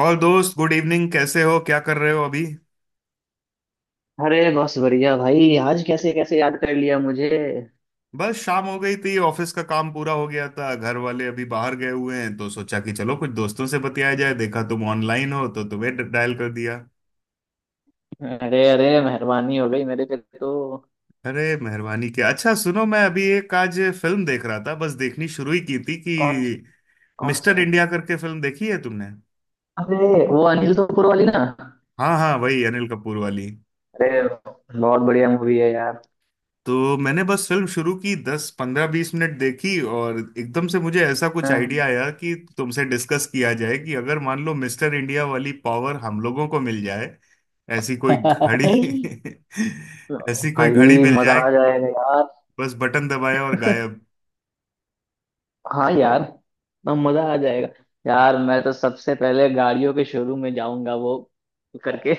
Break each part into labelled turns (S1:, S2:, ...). S1: और दोस्त, good evening. कैसे हो? क्या कर रहे हो अभी?
S2: अरे बस बढ़िया भाई। आज कैसे कैसे याद कर लिया मुझे।
S1: बस शाम हो गई थी, ऑफिस का काम पूरा हो गया था, घर वाले अभी बाहर गए हुए हैं, तो सोचा कि चलो कुछ दोस्तों से बतियाया जाए। देखा तुम ऑनलाइन हो तो तुम्हें डायल कर दिया।
S2: अरे अरे मेहरबानी हो गई मेरे पे तो।
S1: अरे मेहरबानी क्या। अच्छा सुनो, मैं अभी एक आज फिल्म देख रहा था, बस देखनी शुरू ही की थी कि
S2: कौन? कौन से?
S1: मिस्टर इंडिया करके फिल्म देखी है तुमने?
S2: अरे वो अनिल कपूर वाली ना।
S1: हाँ हाँ, वही अनिल कपूर वाली।
S2: अरे बहुत बढ़िया मूवी है यार।
S1: तो मैंने बस फिल्म शुरू की, दस पंद्रह बीस मिनट देखी और एकदम से मुझे ऐसा कुछ
S2: हाँ।
S1: आइडिया आया कि तुमसे डिस्कस किया जाए कि अगर मान लो मिस्टर इंडिया वाली पावर हम लोगों को मिल जाए। ऐसी कोई घड़ी ऐसी कोई घड़ी
S2: भाई
S1: मिल
S2: मजा
S1: जाए।
S2: आ जाएगा यार।
S1: बस बटन दबाया और गायब।
S2: हाँ यार, ना मजा आ जाएगा। यार मैं तो सबसे पहले गाड़ियों के शोरूम में जाऊंगा, वो करके।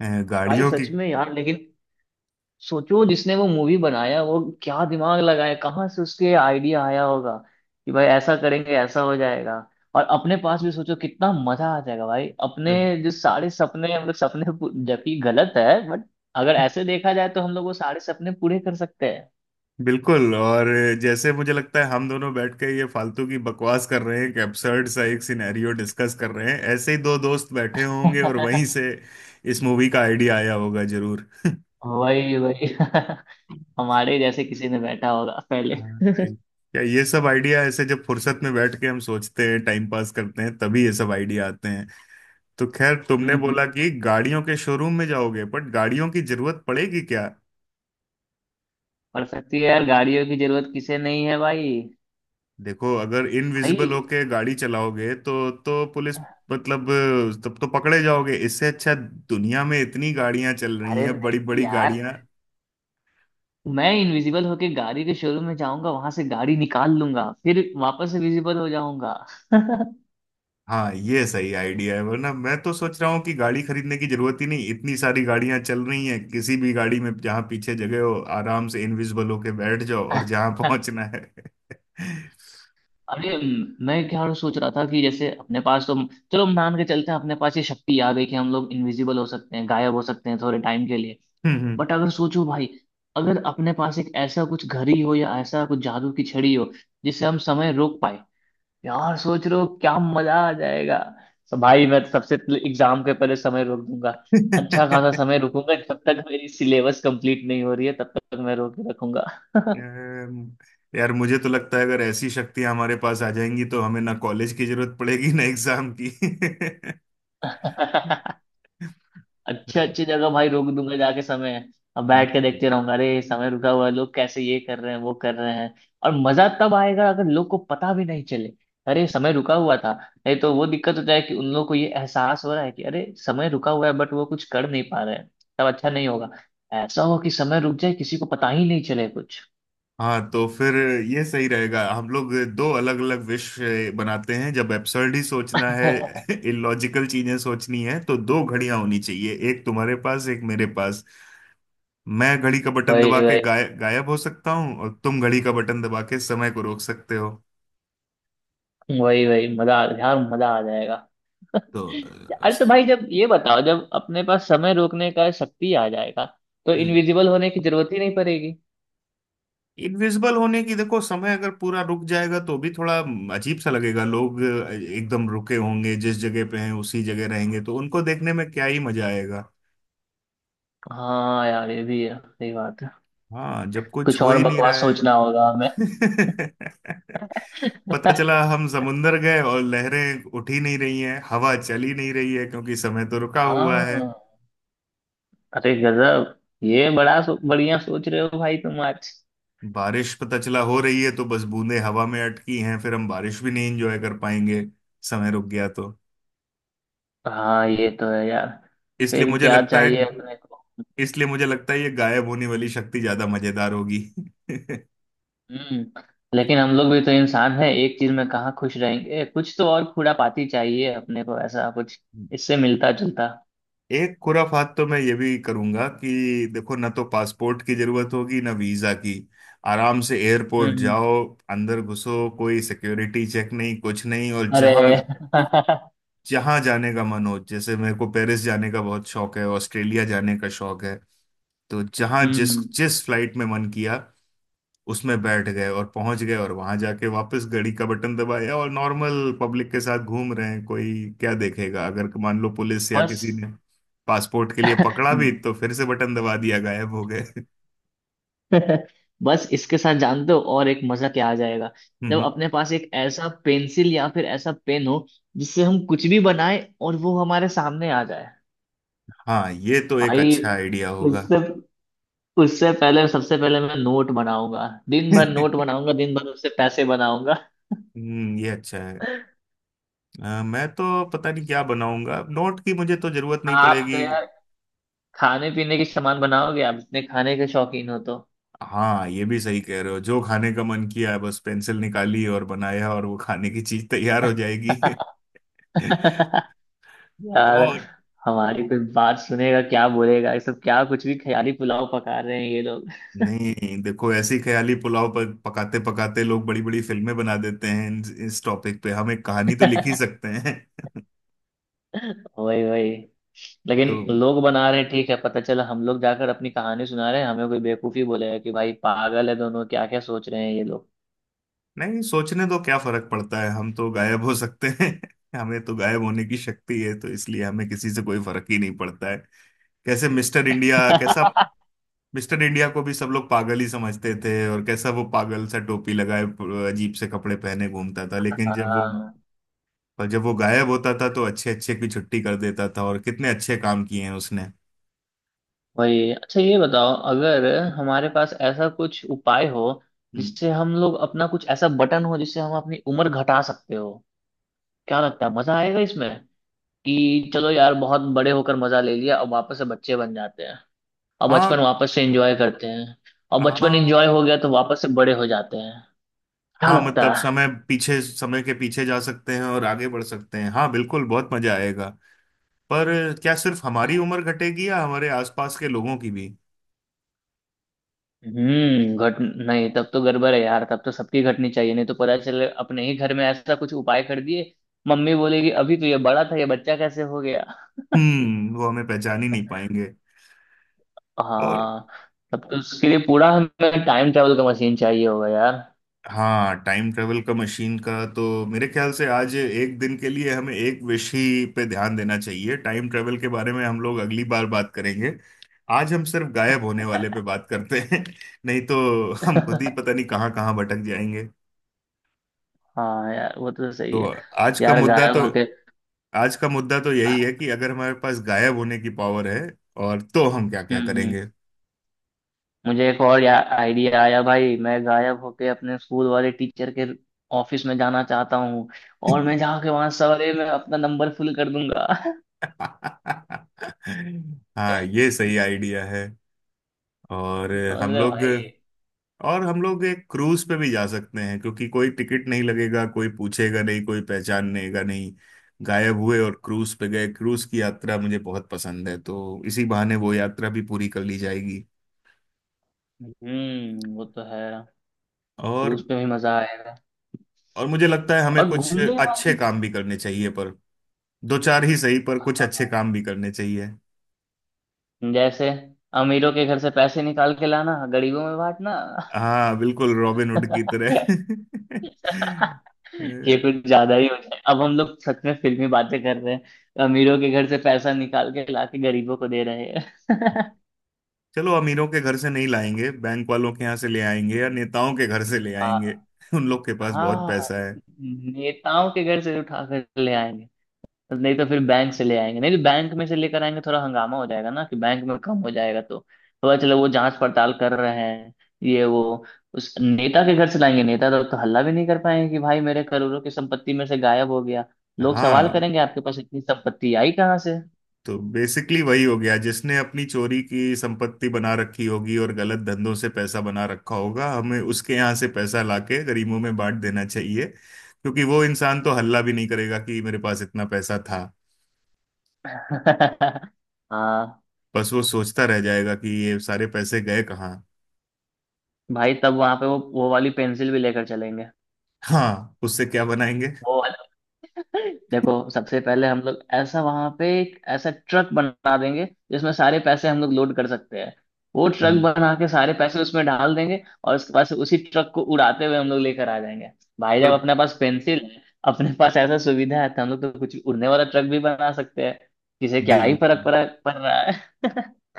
S2: भाई
S1: गाड़ियों की।
S2: सच में यार, लेकिन सोचो जिसने वो मूवी बनाया वो क्या दिमाग लगाया, कहाँ से उसके आइडिया आया होगा कि भाई ऐसा करेंगे, ऐसा हो जाएगा। और अपने पास भी सोचो कितना मजा आ जाएगा भाई। अपने जो सारे सपने हम लोग, जबकि गलत है बट अगर ऐसे देखा जाए तो हम लोग वो सारे सपने पूरे कर सकते हैं।
S1: बिल्कुल। और जैसे मुझे लगता है हम दोनों बैठ के ये फालतू की बकवास कर रहे हैं, एक एब्सर्ड सा एक सिनेरियो डिस्कस कर रहे हैं, ऐसे ही दो दोस्त बैठे होंगे और वहीं से इस मूवी का आइडिया आया होगा जरूर।
S2: वही वही। हमारे जैसे किसी ने बैठा होगा पहले।
S1: हाँ, भाई, क्या ये सब आइडिया ऐसे जब फुर्सत में बैठ के हम सोचते हैं, टाइम पास करते हैं, तभी ये सब आइडिया आते हैं। तो खैर, तुमने बोला
S2: हम्म।
S1: कि गाड़ियों के शोरूम में जाओगे, बट गाड़ियों की जरूरत पड़ेगी क्या?
S2: पड़ सकती है यार, गाड़ियों की जरूरत किसे नहीं है भाई।
S1: देखो, अगर
S2: भाई
S1: इनविजिबल होके गाड़ी चलाओगे तो पुलिस, मतलब, तब तो पकड़े जाओगे। इससे अच्छा दुनिया में इतनी गाड़ियां चल रही
S2: अरे
S1: हैं, बड़ी
S2: नहीं
S1: बड़ी
S2: यार,
S1: गाड़ियां।
S2: मैं इनविजिबल होके गाड़ी के शोरूम में जाऊंगा, वहां से गाड़ी निकाल लूंगा, फिर वापस से विजिबल हो जाऊंगा।
S1: हाँ, ये सही आइडिया है। वरना मैं तो सोच रहा हूँ कि गाड़ी खरीदने की जरूरत ही नहीं, इतनी सारी गाड़ियां चल रही हैं, किसी भी गाड़ी में जहां पीछे जगह हो, आराम से इनविजिबल होके बैठ जाओ और जहां पहुंचना है।
S2: अरे मैं क्या सोच रहा था कि जैसे अपने पास तो, चलो हम मान के चलते हैं अपने पास ये शक्ति आ गई कि हम लोग इनविजिबल हो सकते हैं, गायब हो सकते हैं थोड़े टाइम के लिए।
S1: हम्म
S2: बट अगर सोचो भाई, अगर अपने पास एक ऐसा कुछ घड़ी हो या ऐसा कुछ जादू की छड़ी हो जिससे हम समय रोक पाए, यार सोच रहे हो क्या मजा आ जाएगा। तो भाई मैं तो सबसे पहले एग्जाम के पहले समय रोक दूंगा। अच्छा
S1: हम्म।
S2: खासा समय रुकूंगा, जब तक मेरी सिलेबस कंप्लीट नहीं हो रही है तब तक मैं रोक के रखूंगा।
S1: यार यार, मुझे तो लगता है अगर ऐसी शक्तियां हमारे पास आ जाएंगी तो हमें ना कॉलेज की जरूरत पड़ेगी ना एग्जाम की।
S2: अच्छे अच्छे जगह भाई रोक दूंगा जाके समय। अब बैठ के देखते रहूंगा, अरे समय रुका हुआ है, लोग कैसे ये कर रहे हैं वो कर रहे हैं। और मजा तब आएगा अगर लोग को पता भी नहीं चले अरे समय रुका हुआ था। नहीं तो वो दिक्कत हो जाए कि उन लोग को ये एहसास हो रहा है कि अरे समय रुका हुआ है बट वो कुछ कर नहीं पा रहे हैं, तब अच्छा नहीं होगा। ऐसा हो कि समय रुक जाए, किसी को पता ही नहीं चले कुछ।
S1: हाँ तो फिर ये सही रहेगा, हम लोग दो अलग अलग विश बनाते हैं। जब एब्सर्ड ही सोचना है, इलॉजिकल चीजें सोचनी है, तो दो घड़ियां होनी चाहिए, एक तुम्हारे पास एक मेरे पास। मैं घड़ी का बटन दबा
S2: वही
S1: के
S2: वही
S1: गायब हो सकता हूँ और तुम घड़ी का बटन दबा के समय को रोक सकते हो।
S2: वही वही, मजा यार मजा आ जाएगा।
S1: तो अ,
S2: अरे तो भाई जब ये बताओ, जब अपने पास समय रोकने का शक्ति आ जाएगा तो
S1: हम्म
S2: इनविजिबल होने की जरूरत ही नहीं पड़ेगी।
S1: इनविजिबल होने की, देखो समय अगर पूरा रुक जाएगा तो भी थोड़ा अजीब सा लगेगा। लोग एकदम रुके होंगे, जिस जगह पे हैं उसी जगह रहेंगे, तो उनको देखने में क्या ही मजा आएगा।
S2: हाँ यार ये भी है, सही बात है।
S1: हाँ, जब कुछ
S2: कुछ
S1: हो
S2: और
S1: ही नहीं रहा
S2: बकवास
S1: है।
S2: सोचना होगा हमें।
S1: पता चला हम समुंदर गए और लहरें उठ ही नहीं रही हैं, हवा चल ही नहीं रही है, क्योंकि समय तो रुका हुआ है।
S2: हाँ, अरे गजब। ये बढ़िया सोच रहे हो भाई तुम आज।
S1: बारिश पता चला हो रही है तो बस बूंदें हवा में अटकी हैं, फिर हम बारिश भी नहीं एंजॉय कर पाएंगे समय रुक गया तो।
S2: हाँ ये तो है यार।
S1: इसलिए
S2: फिर
S1: मुझे
S2: क्या
S1: लगता है
S2: चाहिए अपने को।
S1: इसलिए मुझे लगता है ये गायब होने वाली शक्ति ज्यादा मजेदार होगी।
S2: हम्म। लेकिन हम लोग भी तो इंसान हैं, एक चीज में कहाँ खुश रहेंगे, कुछ तो और खुरापाती चाहिए अपने को, ऐसा कुछ इससे मिलता जुलता।
S1: एक खुराफात तो मैं ये भी करूंगा कि देखो, ना तो पासपोर्ट की जरूरत होगी ना वीजा की। आराम से एयरपोर्ट
S2: हम्म।
S1: जाओ, अंदर घुसो, कोई सिक्योरिटी चेक नहीं, कुछ नहीं। और
S2: अरे।
S1: जहां जहां जाने का मन हो, जैसे मेरे को पेरिस जाने का बहुत शौक है, ऑस्ट्रेलिया जाने का शौक है, तो जहां जिस
S2: हम्म।
S1: जिस फ्लाइट में मन किया उसमें बैठ गए और पहुंच गए, और वहां जाके वापस घड़ी का बटन दबाया और नॉर्मल पब्लिक के साथ घूम रहे हैं। कोई क्या देखेगा? अगर मान लो पुलिस या
S2: बस।
S1: किसी ने पासपोर्ट के लिए पकड़ा भी तो फिर से बटन दबा दिया, गायब हो गए।
S2: बस इसके साथ जान दो और एक मजा क्या आ जाएगा, जब
S1: हम्म।
S2: अपने पास एक ऐसा पेंसिल या फिर ऐसा पेन हो जिससे हम कुछ भी बनाए और वो हमारे सामने आ जाए।
S1: हाँ, ये तो एक
S2: भाई
S1: अच्छा आइडिया होगा।
S2: उससे उससे पहले सबसे पहले मैं नोट बनाऊंगा, दिन भर नोट बनाऊंगा, दिन भर उससे पैसे बनाऊंगा।
S1: ये अच्छा है। मैं तो पता नहीं क्या बनाऊंगा, नोट की मुझे तो जरूरत नहीं
S2: आप तो
S1: पड़ेगी।
S2: यार खाने पीने के सामान बनाओगे, आप इतने खाने के शौकीन हो तो।
S1: हाँ, ये भी सही कह रहे हो, जो खाने का मन किया बस पेंसिल निकाली और बनाया और वो खाने की चीज तैयार हो जाएगी।
S2: यार
S1: और
S2: हमारी कोई बात सुनेगा, क्या बोलेगा, ये सब क्या कुछ भी ख्याली पुलाव पका रहे हैं ये लोग।
S1: नहीं, देखो ऐसी ख्याली पुलाव पर पकाते पकाते लोग बड़ी बड़ी फिल्में बना देते हैं। इस टॉपिक पे हम एक कहानी तो लिख ही सकते हैं।
S2: वही वही। लेकिन
S1: तो
S2: लोग बना रहे हैं ठीक है, पता चला हम लोग जाकर अपनी कहानी सुना रहे हैं हमें कोई बेवकूफी बोलेगा कि भाई पागल है दोनों, क्या क्या सोच रहे हैं ये लोग।
S1: नहीं, सोचने दो, क्या फर्क पड़ता है, हम तो गायब हो सकते हैं। हमें तो गायब होने की शक्ति है तो इसलिए हमें किसी से कोई फर्क ही नहीं पड़ता है। कैसे मिस्टर इंडिया, कैसा मिस्टर इंडिया को भी सब लोग पागल ही समझते थे। और कैसा वो पागल सा टोपी लगाए, अजीब से कपड़े पहने घूमता था, लेकिन जब वो
S2: हाँ,
S1: पर जब वो गायब होता था तो अच्छे अच्छे की छुट्टी कर देता था और कितने अच्छे काम किए हैं उसने।
S2: वही। अच्छा ये बताओ अगर हमारे पास ऐसा कुछ उपाय हो,
S1: हम्म,
S2: जिससे हम लोग अपना कुछ ऐसा बटन हो जिससे हम अपनी उम्र घटा सकते हो, क्या लगता है मजा आएगा इसमें कि चलो यार बहुत बड़े होकर मजा ले लिया, अब वापस से बच्चे बन जाते हैं, अब
S1: हाँ।
S2: बचपन वापस से एंजॉय करते हैं। और बचपन
S1: हाँ,
S2: एंजॉय हो गया तो वापस से बड़े हो जाते हैं, क्या
S1: हाँ
S2: लगता
S1: मतलब
S2: है।
S1: समय के पीछे जा सकते हैं और आगे बढ़ सकते हैं। हाँ बिल्कुल, बहुत मजा आएगा। पर क्या सिर्फ हमारी उम्र घटेगी या हमारे आसपास के लोगों की भी?
S2: घट नहीं तब तो गड़बड़ है यार, तब तो सबकी घटनी चाहिए, नहीं तो पता चले अपने ही घर में ऐसा कुछ उपाय कर दिए, मम्मी बोलेगी अभी तो ये बड़ा था, ये बच्चा कैसे हो गया।
S1: हम्म, वो हमें पहचान ही नहीं पाएंगे। और
S2: हाँ, तब तो उसके लिए पूरा हमें टाइम ट्रेवल का मशीन चाहिए होगा यार।
S1: हाँ, टाइम ट्रेवल का मशीन का तो मेरे ख्याल से आज एक दिन के लिए हमें एक विषय पे ध्यान देना चाहिए। टाइम ट्रेवल के बारे में हम लोग अगली बार बात करेंगे, आज हम सिर्फ गायब होने वाले पे बात करते हैं। नहीं तो हम खुद ही पता नहीं कहाँ कहाँ भटक जाएंगे।
S2: हाँ यार वो तो सही
S1: तो
S2: है।
S1: आज का
S2: यार
S1: मुद्दा
S2: गायब
S1: तो
S2: होके।
S1: आज का मुद्दा तो यही है
S2: हम्म
S1: कि अगर हमारे पास गायब होने की पावर है और तो हम क्या क्या
S2: हम्म।
S1: करेंगे।
S2: मुझे एक और या आइडिया आया भाई, मैं गायब होके अपने स्कूल वाले टीचर के ऑफिस में जाना चाहता हूँ और मैं जाके वहां सवेरे में अपना नंबर फुल कर दूंगा।
S1: हाँ, ये सही आइडिया है। और
S2: समझ
S1: हम
S2: रहे हो
S1: लोग
S2: भाई।
S1: हम लोग एक क्रूज पे भी जा सकते हैं, क्योंकि कोई टिकट नहीं लगेगा, कोई पूछेगा नहीं, कोई पहचानेगा नहीं। गायब हुए और क्रूज पे गए। क्रूज की यात्रा मुझे बहुत पसंद है, तो इसी बहाने वो यात्रा भी पूरी कर ली जाएगी।
S2: हम्म, वो तो है।
S1: और
S2: क्रूज पे भी मजा आएगा।
S1: और मुझे लगता है हमें
S2: और
S1: कुछ
S2: घूमने
S1: अच्छे
S2: वाली।
S1: काम भी करने चाहिए। पर दो चार ही सही, पर कुछ अच्छे
S2: हाँ,
S1: काम भी करने चाहिए।
S2: जैसे अमीरों के घर से पैसे निकाल के लाना, गरीबों में बांटना।
S1: हाँ बिल्कुल, रॉबिन हुड की तरह।
S2: ये कुछ ज्यादा ही हो जाए, अब हम लोग सच में फिल्मी बातें कर रहे हैं, अमीरों के घर से पैसा निकाल के लाके गरीबों को दे रहे हैं।
S1: चलो, अमीरों के घर से नहीं लाएंगे, बैंक वालों के यहाँ से ले आएंगे या नेताओं के घर से ले आएंगे।
S2: हाँ।
S1: उन लोग के पास बहुत
S2: हाँ,
S1: पैसा है।
S2: नेताओं के घर से उठा कर ले आएंगे, नहीं तो फिर बैंक से ले आएंगे, नहीं तो बैंक में से लेकर आएंगे थोड़ा हंगामा हो जाएगा ना कि बैंक में कम हो जाएगा तो। थोड़ा, चलो वो जांच पड़ताल कर रहे हैं ये वो, उस नेता के घर से लाएंगे, नेता तो हल्ला भी नहीं कर पाएंगे कि भाई मेरे करोड़ों की संपत्ति में से गायब हो गया, लोग सवाल
S1: हाँ,
S2: करेंगे आपके पास इतनी संपत्ति आई कहाँ से।
S1: तो बेसिकली वही हो गया, जिसने अपनी चोरी की संपत्ति बना रखी होगी और गलत धंधों से पैसा बना रखा होगा, हमें उसके यहाँ से पैसा लाके गरीबों में बांट देना चाहिए, क्योंकि वो इंसान तो हल्ला भी नहीं करेगा कि मेरे पास इतना पैसा था।
S2: हाँ
S1: बस वो सोचता रह जाएगा कि ये सारे पैसे गए कहाँ।
S2: भाई, तब वहां पे वो वाली पेंसिल भी लेकर चलेंगे।
S1: हाँ, उससे क्या बनाएंगे?
S2: वो वाला। देखो सबसे पहले हम लोग ऐसा वहां पे एक ऐसा ट्रक बना देंगे जिसमें सारे पैसे हम लोग लोड कर सकते हैं, वो ट्रक
S1: हम्म
S2: बना के सारे पैसे उसमें डाल देंगे और उसके बाद से उसी ट्रक को उड़ाते हुए हम लोग लेकर आ जाएंगे। भाई
S1: पर
S2: जब अपने पास पेंसिल है, अपने पास ऐसा सुविधा है तो हम लोग तो कुछ उड़ने वाला ट्रक भी बना सकते हैं, किसे क्या
S1: बिल
S2: ही फर्क पड़ा पड़ रहा है।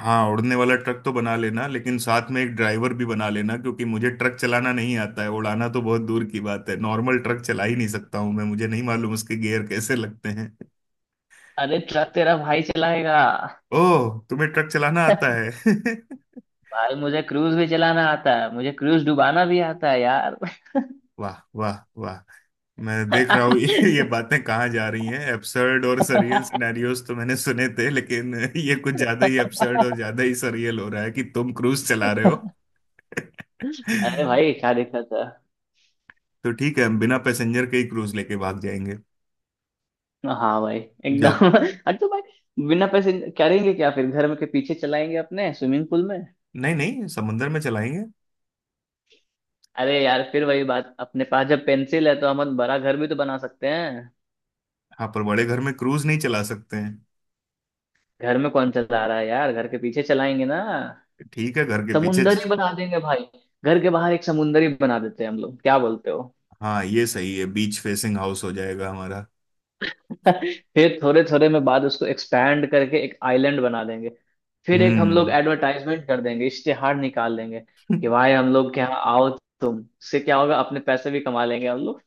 S1: हाँ, उड़ने वाला ट्रक तो बना लेना, लेकिन साथ में एक ड्राइवर भी बना लेना, क्योंकि मुझे ट्रक चलाना नहीं आता है, उड़ाना तो बहुत दूर की बात है, नॉर्मल ट्रक चला ही नहीं सकता हूँ मैं। मुझे नहीं मालूम उसके गियर कैसे लगते हैं।
S2: अरे ट्रक तेरा भाई चलाएगा।
S1: ओह, तुम्हें ट्रक चलाना आता है?
S2: भाई मुझे क्रूज भी चलाना आता है, मुझे क्रूज डुबाना भी आता है यार।
S1: वाह वाह वाह! मैं देख रहा हूँ ये बातें कहाँ जा रही हैं। एब्सर्ड और सरियल सिनेरियोस तो मैंने सुने थे, लेकिन ये कुछ ज्यादा ही एब्सर्ड और ज्यादा ही सरियल हो रहा है कि तुम क्रूज चला रहे हो।
S2: अरे भाई क्या देखा था।
S1: तो ठीक है, हम बिना पैसेंजर के ही क्रूज लेके भाग जाएंगे।
S2: हाँ भाई
S1: जब
S2: एकदम। अरे तो भाई बिना पैसे करेंगे क्या, फिर घर के पीछे चलाएंगे अपने स्विमिंग पूल में।
S1: नहीं नहीं, समुंदर में चलाएंगे।
S2: अरे यार फिर वही बात, अपने पास जब पेंसिल है तो हम बड़ा घर भी तो बना सकते हैं।
S1: हाँ, पर बड़े घर में क्रूज नहीं चला सकते हैं।
S2: घर में कौन चला रहा है यार, घर के पीछे चलाएंगे ना।
S1: ठीक है, घर के पीछे।
S2: समुंदर ही बना देंगे भाई, घर के बाहर एक समुंदर ही बना देते हैं हम लोग, क्या बोलते हो।
S1: हाँ, ये सही है, बीच फेसिंग हाउस हो जाएगा हमारा।
S2: फिर थोड़े थोड़े में बाद उसको एक्सपैंड करके एक आइलैंड बना देंगे, फिर एक हम लोग
S1: हम्म
S2: एडवर्टाइजमेंट कर देंगे, इश्तेहार निकाल देंगे कि भाई हम लोग के यहाँ आओ, तुम इससे क्या होगा, अपने पैसे भी कमा लेंगे हम लोग।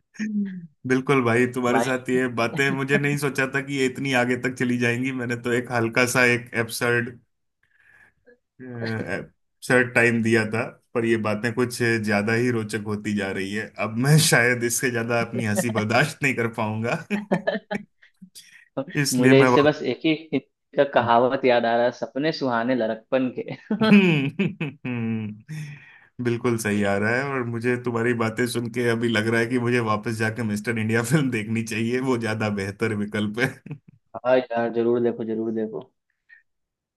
S1: बिल्कुल भाई, तुम्हारे
S2: भाई।
S1: साथ ये बातें मुझे नहीं सोचा था कि ये इतनी आगे तक चली जाएंगी। मैंने तो एक हल्का सा एक एब्सर्ड एब्सर्ड टाइम दिया था, पर ये बातें कुछ ज्यादा ही रोचक होती जा रही है। अब मैं शायद इससे ज्यादा अपनी हंसी बर्दाश्त नहीं कर पाऊंगा। इसलिए
S2: मुझे
S1: मैं
S2: इससे बस एक ही का
S1: वा-
S2: कहावत याद आ रहा है, सपने सुहाने लड़कपन के।
S1: हम्म। बिल्कुल सही आ रहा है, और मुझे तुम्हारी बातें सुन के अभी लग रहा है कि मुझे वापस जाकर मिस्टर इंडिया फिल्म देखनी चाहिए, वो ज्यादा बेहतर विकल्प है।
S2: हाँ यार जरूर देखो, जरूर देखो।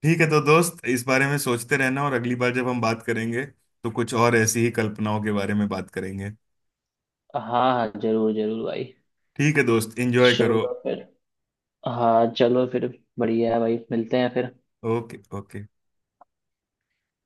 S1: ठीक है, तो दोस्त इस बारे में सोचते रहना, और अगली बार जब हम बात करेंगे तो कुछ और ऐसी ही कल्पनाओं के बारे में बात करेंगे।
S2: हाँ हाँ, जरूर जरूर भाई।
S1: ठीक है दोस्त, एंजॉय करो।
S2: चलो फिर। हाँ चलो फिर। बढ़िया है भाई, मिलते हैं फिर।
S1: Okay okay.